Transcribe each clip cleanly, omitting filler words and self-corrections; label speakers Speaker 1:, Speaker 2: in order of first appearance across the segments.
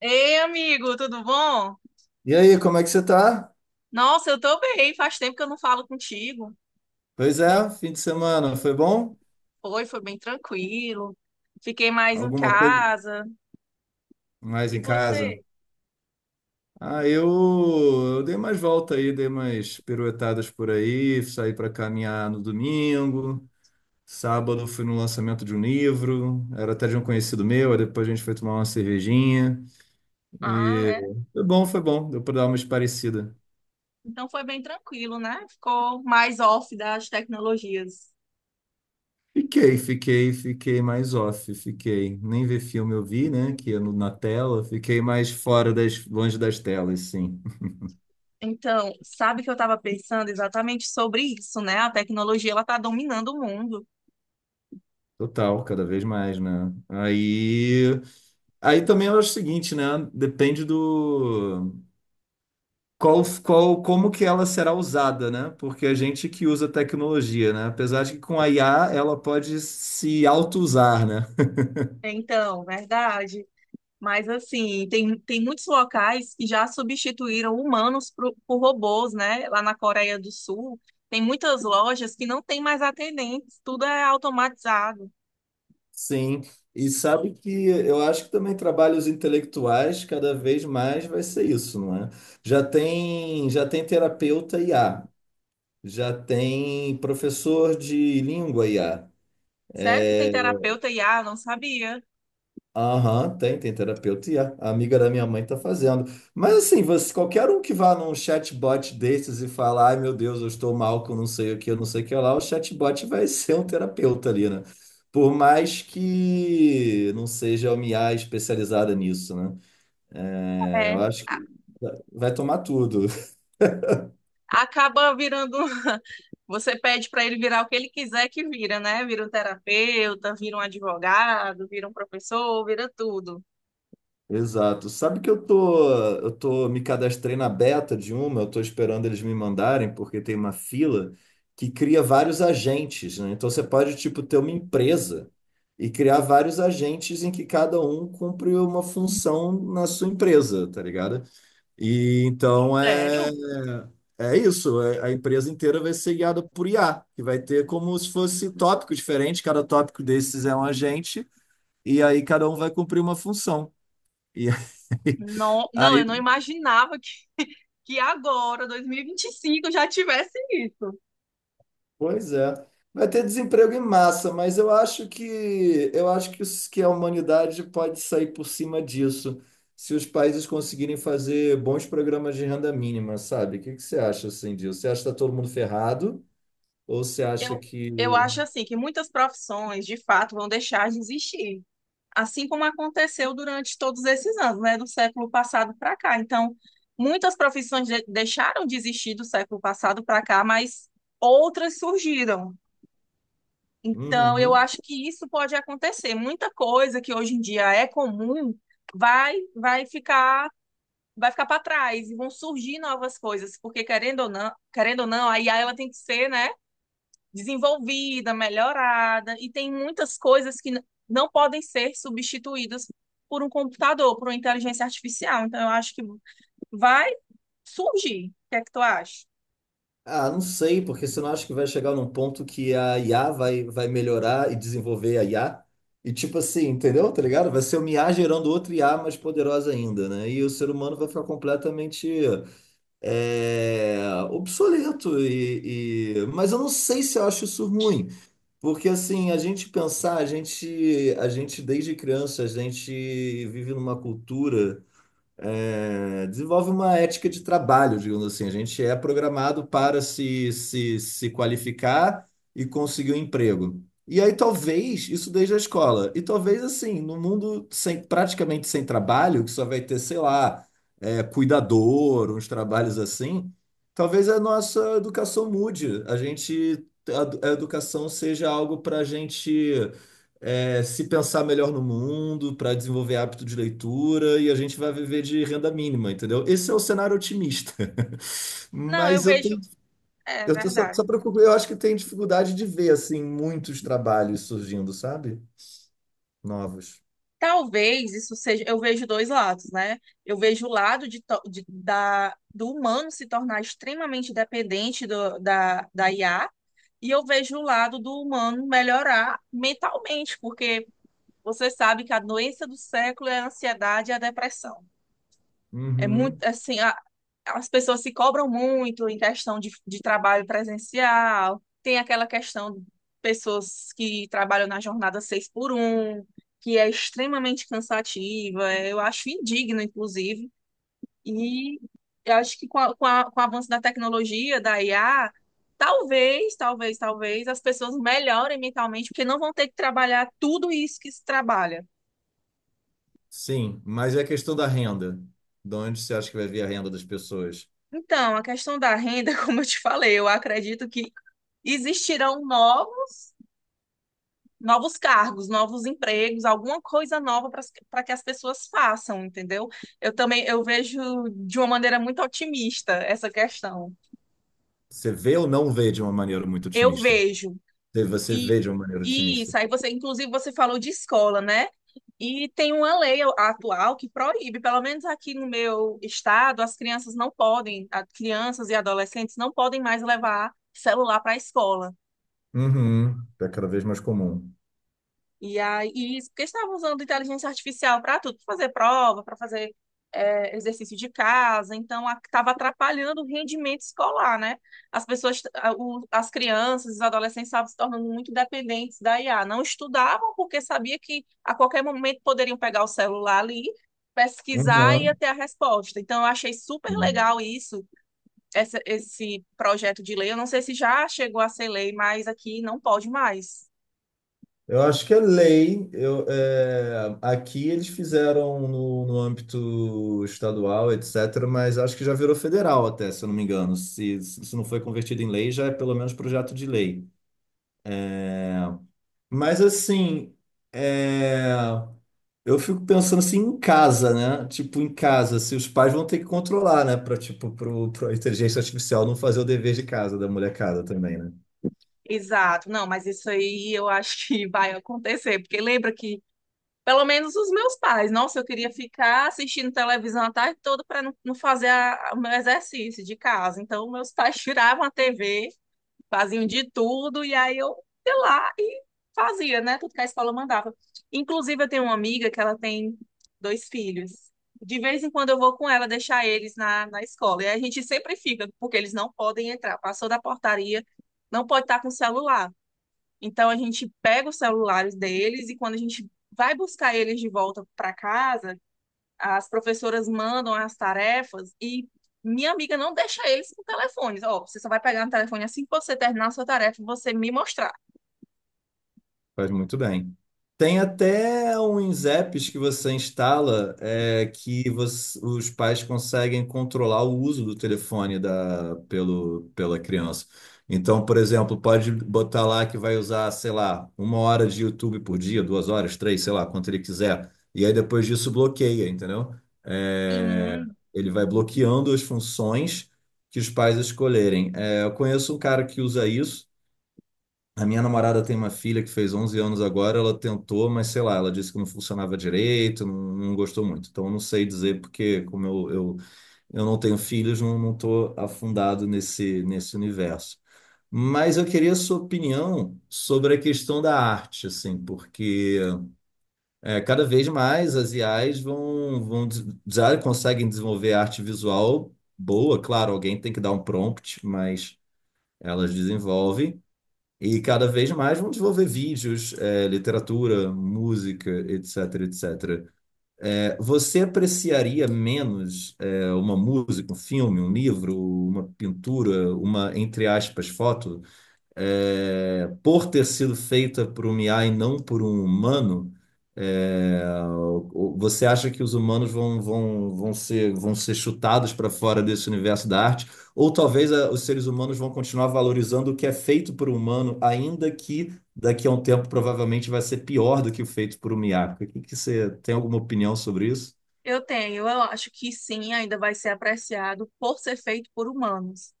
Speaker 1: Ei, amigo, tudo bom?
Speaker 2: E aí, como é que você tá?
Speaker 1: Nossa, eu tô bem. Faz tempo que eu não falo contigo.
Speaker 2: Pois é, fim de semana, foi bom?
Speaker 1: Foi bem tranquilo. Fiquei mais em
Speaker 2: Alguma coisa
Speaker 1: casa.
Speaker 2: mais
Speaker 1: E
Speaker 2: em casa?
Speaker 1: você?
Speaker 2: Ah, eu dei mais volta aí, dei mais piruetadas por aí, saí para caminhar no domingo, sábado fui no lançamento de um livro, era até de um conhecido meu, aí depois a gente foi tomar uma cervejinha
Speaker 1: Ah,
Speaker 2: e
Speaker 1: é?
Speaker 2: foi bom, deu para dar uma esparecida.
Speaker 1: Então foi bem tranquilo, né? Ficou mais off das tecnologias.
Speaker 2: Fiquei mais off, fiquei. Nem ver filme eu vi, né? Que é na tela, fiquei mais longe das telas, sim.
Speaker 1: Então, sabe que eu estava pensando exatamente sobre isso, né? A tecnologia, ela tá dominando o mundo.
Speaker 2: Total, cada vez mais, né? Aí também eu acho o seguinte, né? Depende como que ela será usada, né? Porque a gente que usa tecnologia, né? Apesar de que com a IA ela pode se auto-usar, né?
Speaker 1: É, então, verdade. Mas assim, tem muitos locais que já substituíram humanos por robôs, né? Lá na Coreia do Sul, tem muitas lojas que não tem mais atendentes, tudo é automatizado.
Speaker 2: Sim. E sabe que eu acho que também trabalhos intelectuais cada vez mais vai ser isso, não é? Já tem terapeuta IA, já tem professor de língua IA.
Speaker 1: Sério que tem terapeuta IA? Não sabia.
Speaker 2: Aham, tem terapeuta e a amiga da minha mãe tá fazendo. Mas assim, você, qualquer um que vá num chatbot desses e falar, ai meu Deus, eu estou mal que eu não sei o que, eu não sei o que lá, o chatbot vai ser um terapeuta ali, né? Por mais que não seja uma IA especializada nisso, né? É,
Speaker 1: É.
Speaker 2: eu acho que vai tomar tudo.
Speaker 1: Acaba virando. Você pede para ele virar o que ele quiser que vira, né? Vira um terapeuta, vira um advogado, vira um professor, vira tudo.
Speaker 2: Exato. Sabe que eu tô me cadastrei na beta de uma, eu tô esperando eles me mandarem, porque tem uma fila que cria vários agentes, né? Então você pode, tipo, ter uma empresa e criar vários agentes em que cada um cumpre uma função na sua empresa, tá ligado? E então é,
Speaker 1: Sério?
Speaker 2: é isso, a empresa inteira vai ser guiada por IA, que vai ter como se fosse tópico diferente, cada tópico desses é um agente, e aí cada um vai cumprir uma função. e
Speaker 1: Não, não, eu
Speaker 2: Aí,
Speaker 1: não imaginava que agora, dois mil e vinte e cinco já tivesse isso.
Speaker 2: Pois é. Vai ter desemprego em massa, mas eu acho que que a humanidade pode sair por cima disso, se os países conseguirem fazer bons programas de renda mínima, sabe? O que que você acha assim disso? Você acha que está todo mundo ferrado? Ou você acha
Speaker 1: Eu, eu
Speaker 2: que.
Speaker 1: acho assim que muitas profissões, de fato, vão deixar de existir, assim como aconteceu durante todos esses anos, né, do século passado para cá. Então, muitas profissões deixaram de existir do século passado para cá, mas outras surgiram. Então, eu
Speaker 2: Uhum.
Speaker 1: acho que isso pode acontecer. Muita coisa que hoje em dia é comum vai vai ficar vai ficar para trás e vão surgir novas coisas, porque querendo ou não, a IA ela tem que ser, né, desenvolvida, melhorada e tem muitas coisas que não podem ser substituídas por um computador, por uma inteligência artificial. Então eu acho que vai surgir. O que é que tu acha?
Speaker 2: Ah, não sei, porque você não acha que vai chegar num ponto que a IA vai melhorar e desenvolver a IA? E tipo assim, entendeu? Tá ligado? Vai ser uma IA gerando outra IA mais poderosa ainda, né? E o ser humano vai ficar completamente é, obsoleto mas eu não sei se eu acho isso ruim, porque assim, a gente pensar, a gente desde criança, a gente vive numa cultura desenvolve uma ética de trabalho, digamos assim. A gente é programado para se qualificar e conseguir um emprego. E aí, talvez, isso desde a escola. E talvez, assim, no mundo sem, praticamente sem trabalho, que só vai ter, sei lá, cuidador, uns trabalhos assim, talvez a nossa educação mude. A educação seja algo para a gente se pensar melhor no mundo, para desenvolver hábito de leitura e a gente vai viver de renda mínima, entendeu? Esse é o cenário otimista.
Speaker 1: Não, eu
Speaker 2: Mas eu
Speaker 1: vejo,
Speaker 2: tenho,
Speaker 1: é
Speaker 2: eu tô só,
Speaker 1: verdade.
Speaker 2: só preocupo- eu acho que tem dificuldade de ver assim muitos trabalhos surgindo, sabe? Novos.
Speaker 1: Talvez isso seja, eu vejo dois lados, né? Eu vejo o lado de, do humano se tornar extremamente dependente da IA, e eu vejo o lado do humano melhorar mentalmente, porque você sabe que a doença do século é a ansiedade e a depressão. É muito
Speaker 2: Uhum.
Speaker 1: assim, as pessoas se cobram muito em questão de trabalho presencial, tem aquela questão de pessoas que trabalham na jornada seis por um, que é extremamente cansativa, é, eu acho indigno, inclusive, e eu acho que com o avanço da tecnologia, da IA, talvez as pessoas melhorem mentalmente, porque não vão ter que trabalhar tudo isso que se trabalha.
Speaker 2: Sim, mas é a questão da renda. De onde você acha que vai vir a renda das pessoas?
Speaker 1: Então, a questão da renda, como eu te falei, eu acredito que existirão novos, novos cargos, novos empregos, alguma coisa nova para que as pessoas façam, entendeu? Eu também eu vejo de uma maneira muito otimista essa questão.
Speaker 2: Você vê ou não vê de uma maneira muito
Speaker 1: Eu
Speaker 2: otimista?
Speaker 1: vejo
Speaker 2: Se Você
Speaker 1: e
Speaker 2: vê de uma maneira
Speaker 1: e isso
Speaker 2: otimista.
Speaker 1: aí você inclusive você falou de escola, né? E tem uma lei atual que proíbe, pelo menos aqui no meu estado, as crianças não podem, as crianças e adolescentes não podem mais levar celular para a escola.
Speaker 2: Uhum. É cada vez mais comum.
Speaker 1: E aí, porque estavam usando inteligência artificial para tudo, para fazer prova, para fazer exercício de casa, então estava atrapalhando o rendimento escolar, né? As pessoas, as crianças, os adolescentes estavam se tornando muito dependentes da IA. Não estudavam porque sabia que a qualquer momento poderiam pegar o celular ali, pesquisar e ia
Speaker 2: Uhum.
Speaker 1: ter a resposta. Então, eu achei super legal isso, esse projeto de lei. Eu não sei se já chegou a ser lei, mas aqui não pode mais.
Speaker 2: Eu acho que é lei. Aqui eles fizeram no âmbito estadual, etc., mas acho que já virou federal até, se eu não me engano. Se não foi convertido em lei, já é pelo menos projeto de lei. É, mas assim, é, eu fico pensando assim em casa, né? Tipo, em casa, se os pais vão ter que controlar, né? Para tipo, pro inteligência artificial não fazer o dever de casa da molecada também, né?
Speaker 1: Exato, não, mas isso aí eu acho que vai acontecer, porque lembra que, pelo menos os meus pais, nossa, eu queria ficar assistindo televisão a tarde toda para não, não fazer o meu exercício de casa. Então, meus pais tiravam a TV, faziam de tudo, e aí eu ia lá e fazia, né? Tudo que a escola mandava. Inclusive, eu tenho uma amiga que ela tem dois filhos. De vez em quando eu vou com ela deixar eles na escola. E a gente sempre fica, porque eles não podem entrar. Passou da portaria, não pode estar com o celular. Então a gente pega os celulares deles e quando a gente vai buscar eles de volta para casa, as professoras mandam as tarefas e minha amiga não deixa eles com telefones. Ó, você só vai pegar no telefone assim que você terminar a sua tarefa e você me mostrar.
Speaker 2: Faz muito bem. Tem até uns apps que você instala os pais conseguem controlar o uso do telefone pela criança. Então, por exemplo, pode botar lá que vai usar, sei lá, uma hora de YouTube por dia, 2 horas, três, sei lá, quanto ele quiser. E aí depois disso bloqueia, entendeu? É,
Speaker 1: Sim,
Speaker 2: ele vai bloqueando as funções que os pais escolherem. É, eu conheço um cara que usa isso. A minha namorada tem uma filha que fez 11 anos agora, ela tentou, mas sei lá, ela disse que não funcionava direito, não, não gostou muito. Então, eu não sei dizer, porque como eu não tenho filhos, não, não tô afundado nesse universo. Mas eu queria a sua opinião sobre a questão da arte, assim, porque cada vez mais as IAs já conseguem desenvolver arte visual boa, claro, alguém tem que dar um prompt, mas elas desenvolvem. E cada vez mais vão desenvolver vídeos, literatura, música, etc, etc. Você apreciaria menos, uma música, um filme, um livro, uma pintura, uma, entre aspas, foto, por ter sido feita por um IA e não por um humano, é, você acha que os humanos vão ser chutados para fora desse universo da arte? Ou talvez os seres humanos vão continuar valorizando o que é feito por um humano, ainda que daqui a um tempo provavelmente vai ser pior do que o feito por um IA? O que que você tem alguma opinião sobre isso?
Speaker 1: eu tenho. Eu acho que sim, ainda vai ser apreciado por ser feito por humanos.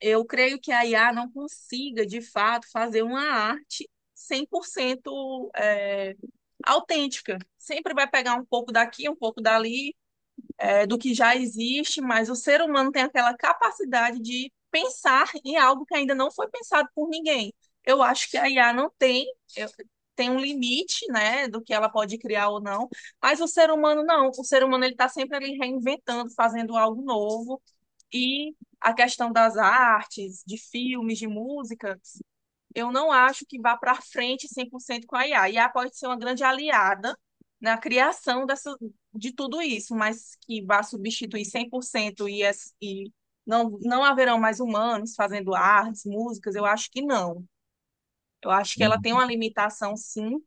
Speaker 1: Eu creio que a IA não consiga, de fato, fazer uma arte 100% é, autêntica. Sempre vai pegar um pouco daqui, um pouco dali, é, do que já existe, mas o ser humano tem aquela capacidade de pensar em algo que ainda não foi pensado por ninguém. Eu acho que a IA não tem, eu- tem um limite, né, do que ela pode criar ou não, mas o ser humano não. O ser humano ele está sempre ali reinventando, fazendo algo novo e a questão das artes, de filmes, de música, eu não acho que vá para frente 100% com a IA. A IA pode ser uma grande aliada na criação dessa, de tudo isso, mas que vá substituir 100% e não, não haverão mais humanos fazendo artes, músicas, eu acho que não. Eu acho que ela tem
Speaker 2: Uhum,
Speaker 1: uma limitação, sim,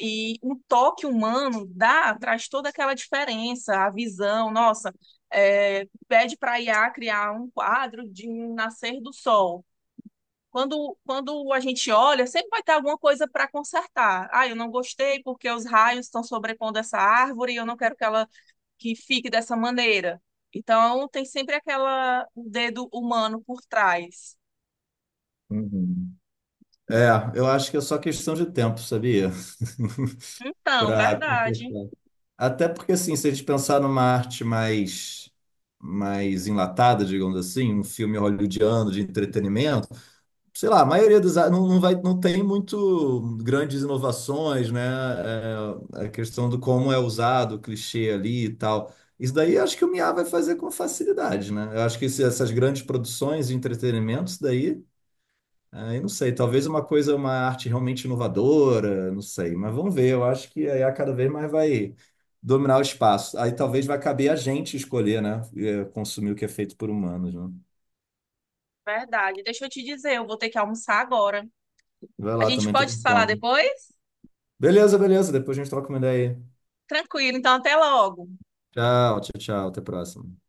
Speaker 1: e o toque humano dá, traz toda aquela diferença, a visão, nossa, é, pede para a IA criar um quadro de um nascer do sol. Quando a gente olha, sempre vai ter alguma coisa para consertar. Ah, eu não gostei porque os raios estão sobrepondo essa árvore e eu não quero que ela que fique dessa maneira. Então, tem sempre aquela o dedo humano por trás.
Speaker 2: uhum. É, eu acho que é só questão de tempo, sabia?
Speaker 1: Então,
Speaker 2: Para
Speaker 1: verdade,
Speaker 2: Até porque, assim, se a gente pensar numa arte mais enlatada, digamos assim, um filme hollywoodiano de entretenimento, sei lá, a maioria não, não vai, não tem muito grandes inovações, né? É, a questão do como é usado, o clichê ali e tal. Isso daí eu acho que o Miyagi vai fazer com facilidade, né? Eu acho que essas grandes produções de entretenimento, isso daí. Ah, eu não sei, talvez uma coisa, uma arte realmente inovadora, não sei, mas vamos ver. Eu acho que a IA cada vez mais vai dominar o espaço. Aí talvez vai caber a gente escolher, né? Consumir o que é feito por humanos, né?
Speaker 1: verdade. Deixa eu te dizer, eu vou ter que almoçar agora.
Speaker 2: Vai
Speaker 1: A
Speaker 2: lá,
Speaker 1: gente
Speaker 2: também tô
Speaker 1: pode se
Speaker 2: com
Speaker 1: falar
Speaker 2: fome.
Speaker 1: depois?
Speaker 2: Beleza, beleza, depois a gente troca uma ideia aí.
Speaker 1: Tranquilo, então até logo.
Speaker 2: Tchau, tchau, tchau, até a próxima.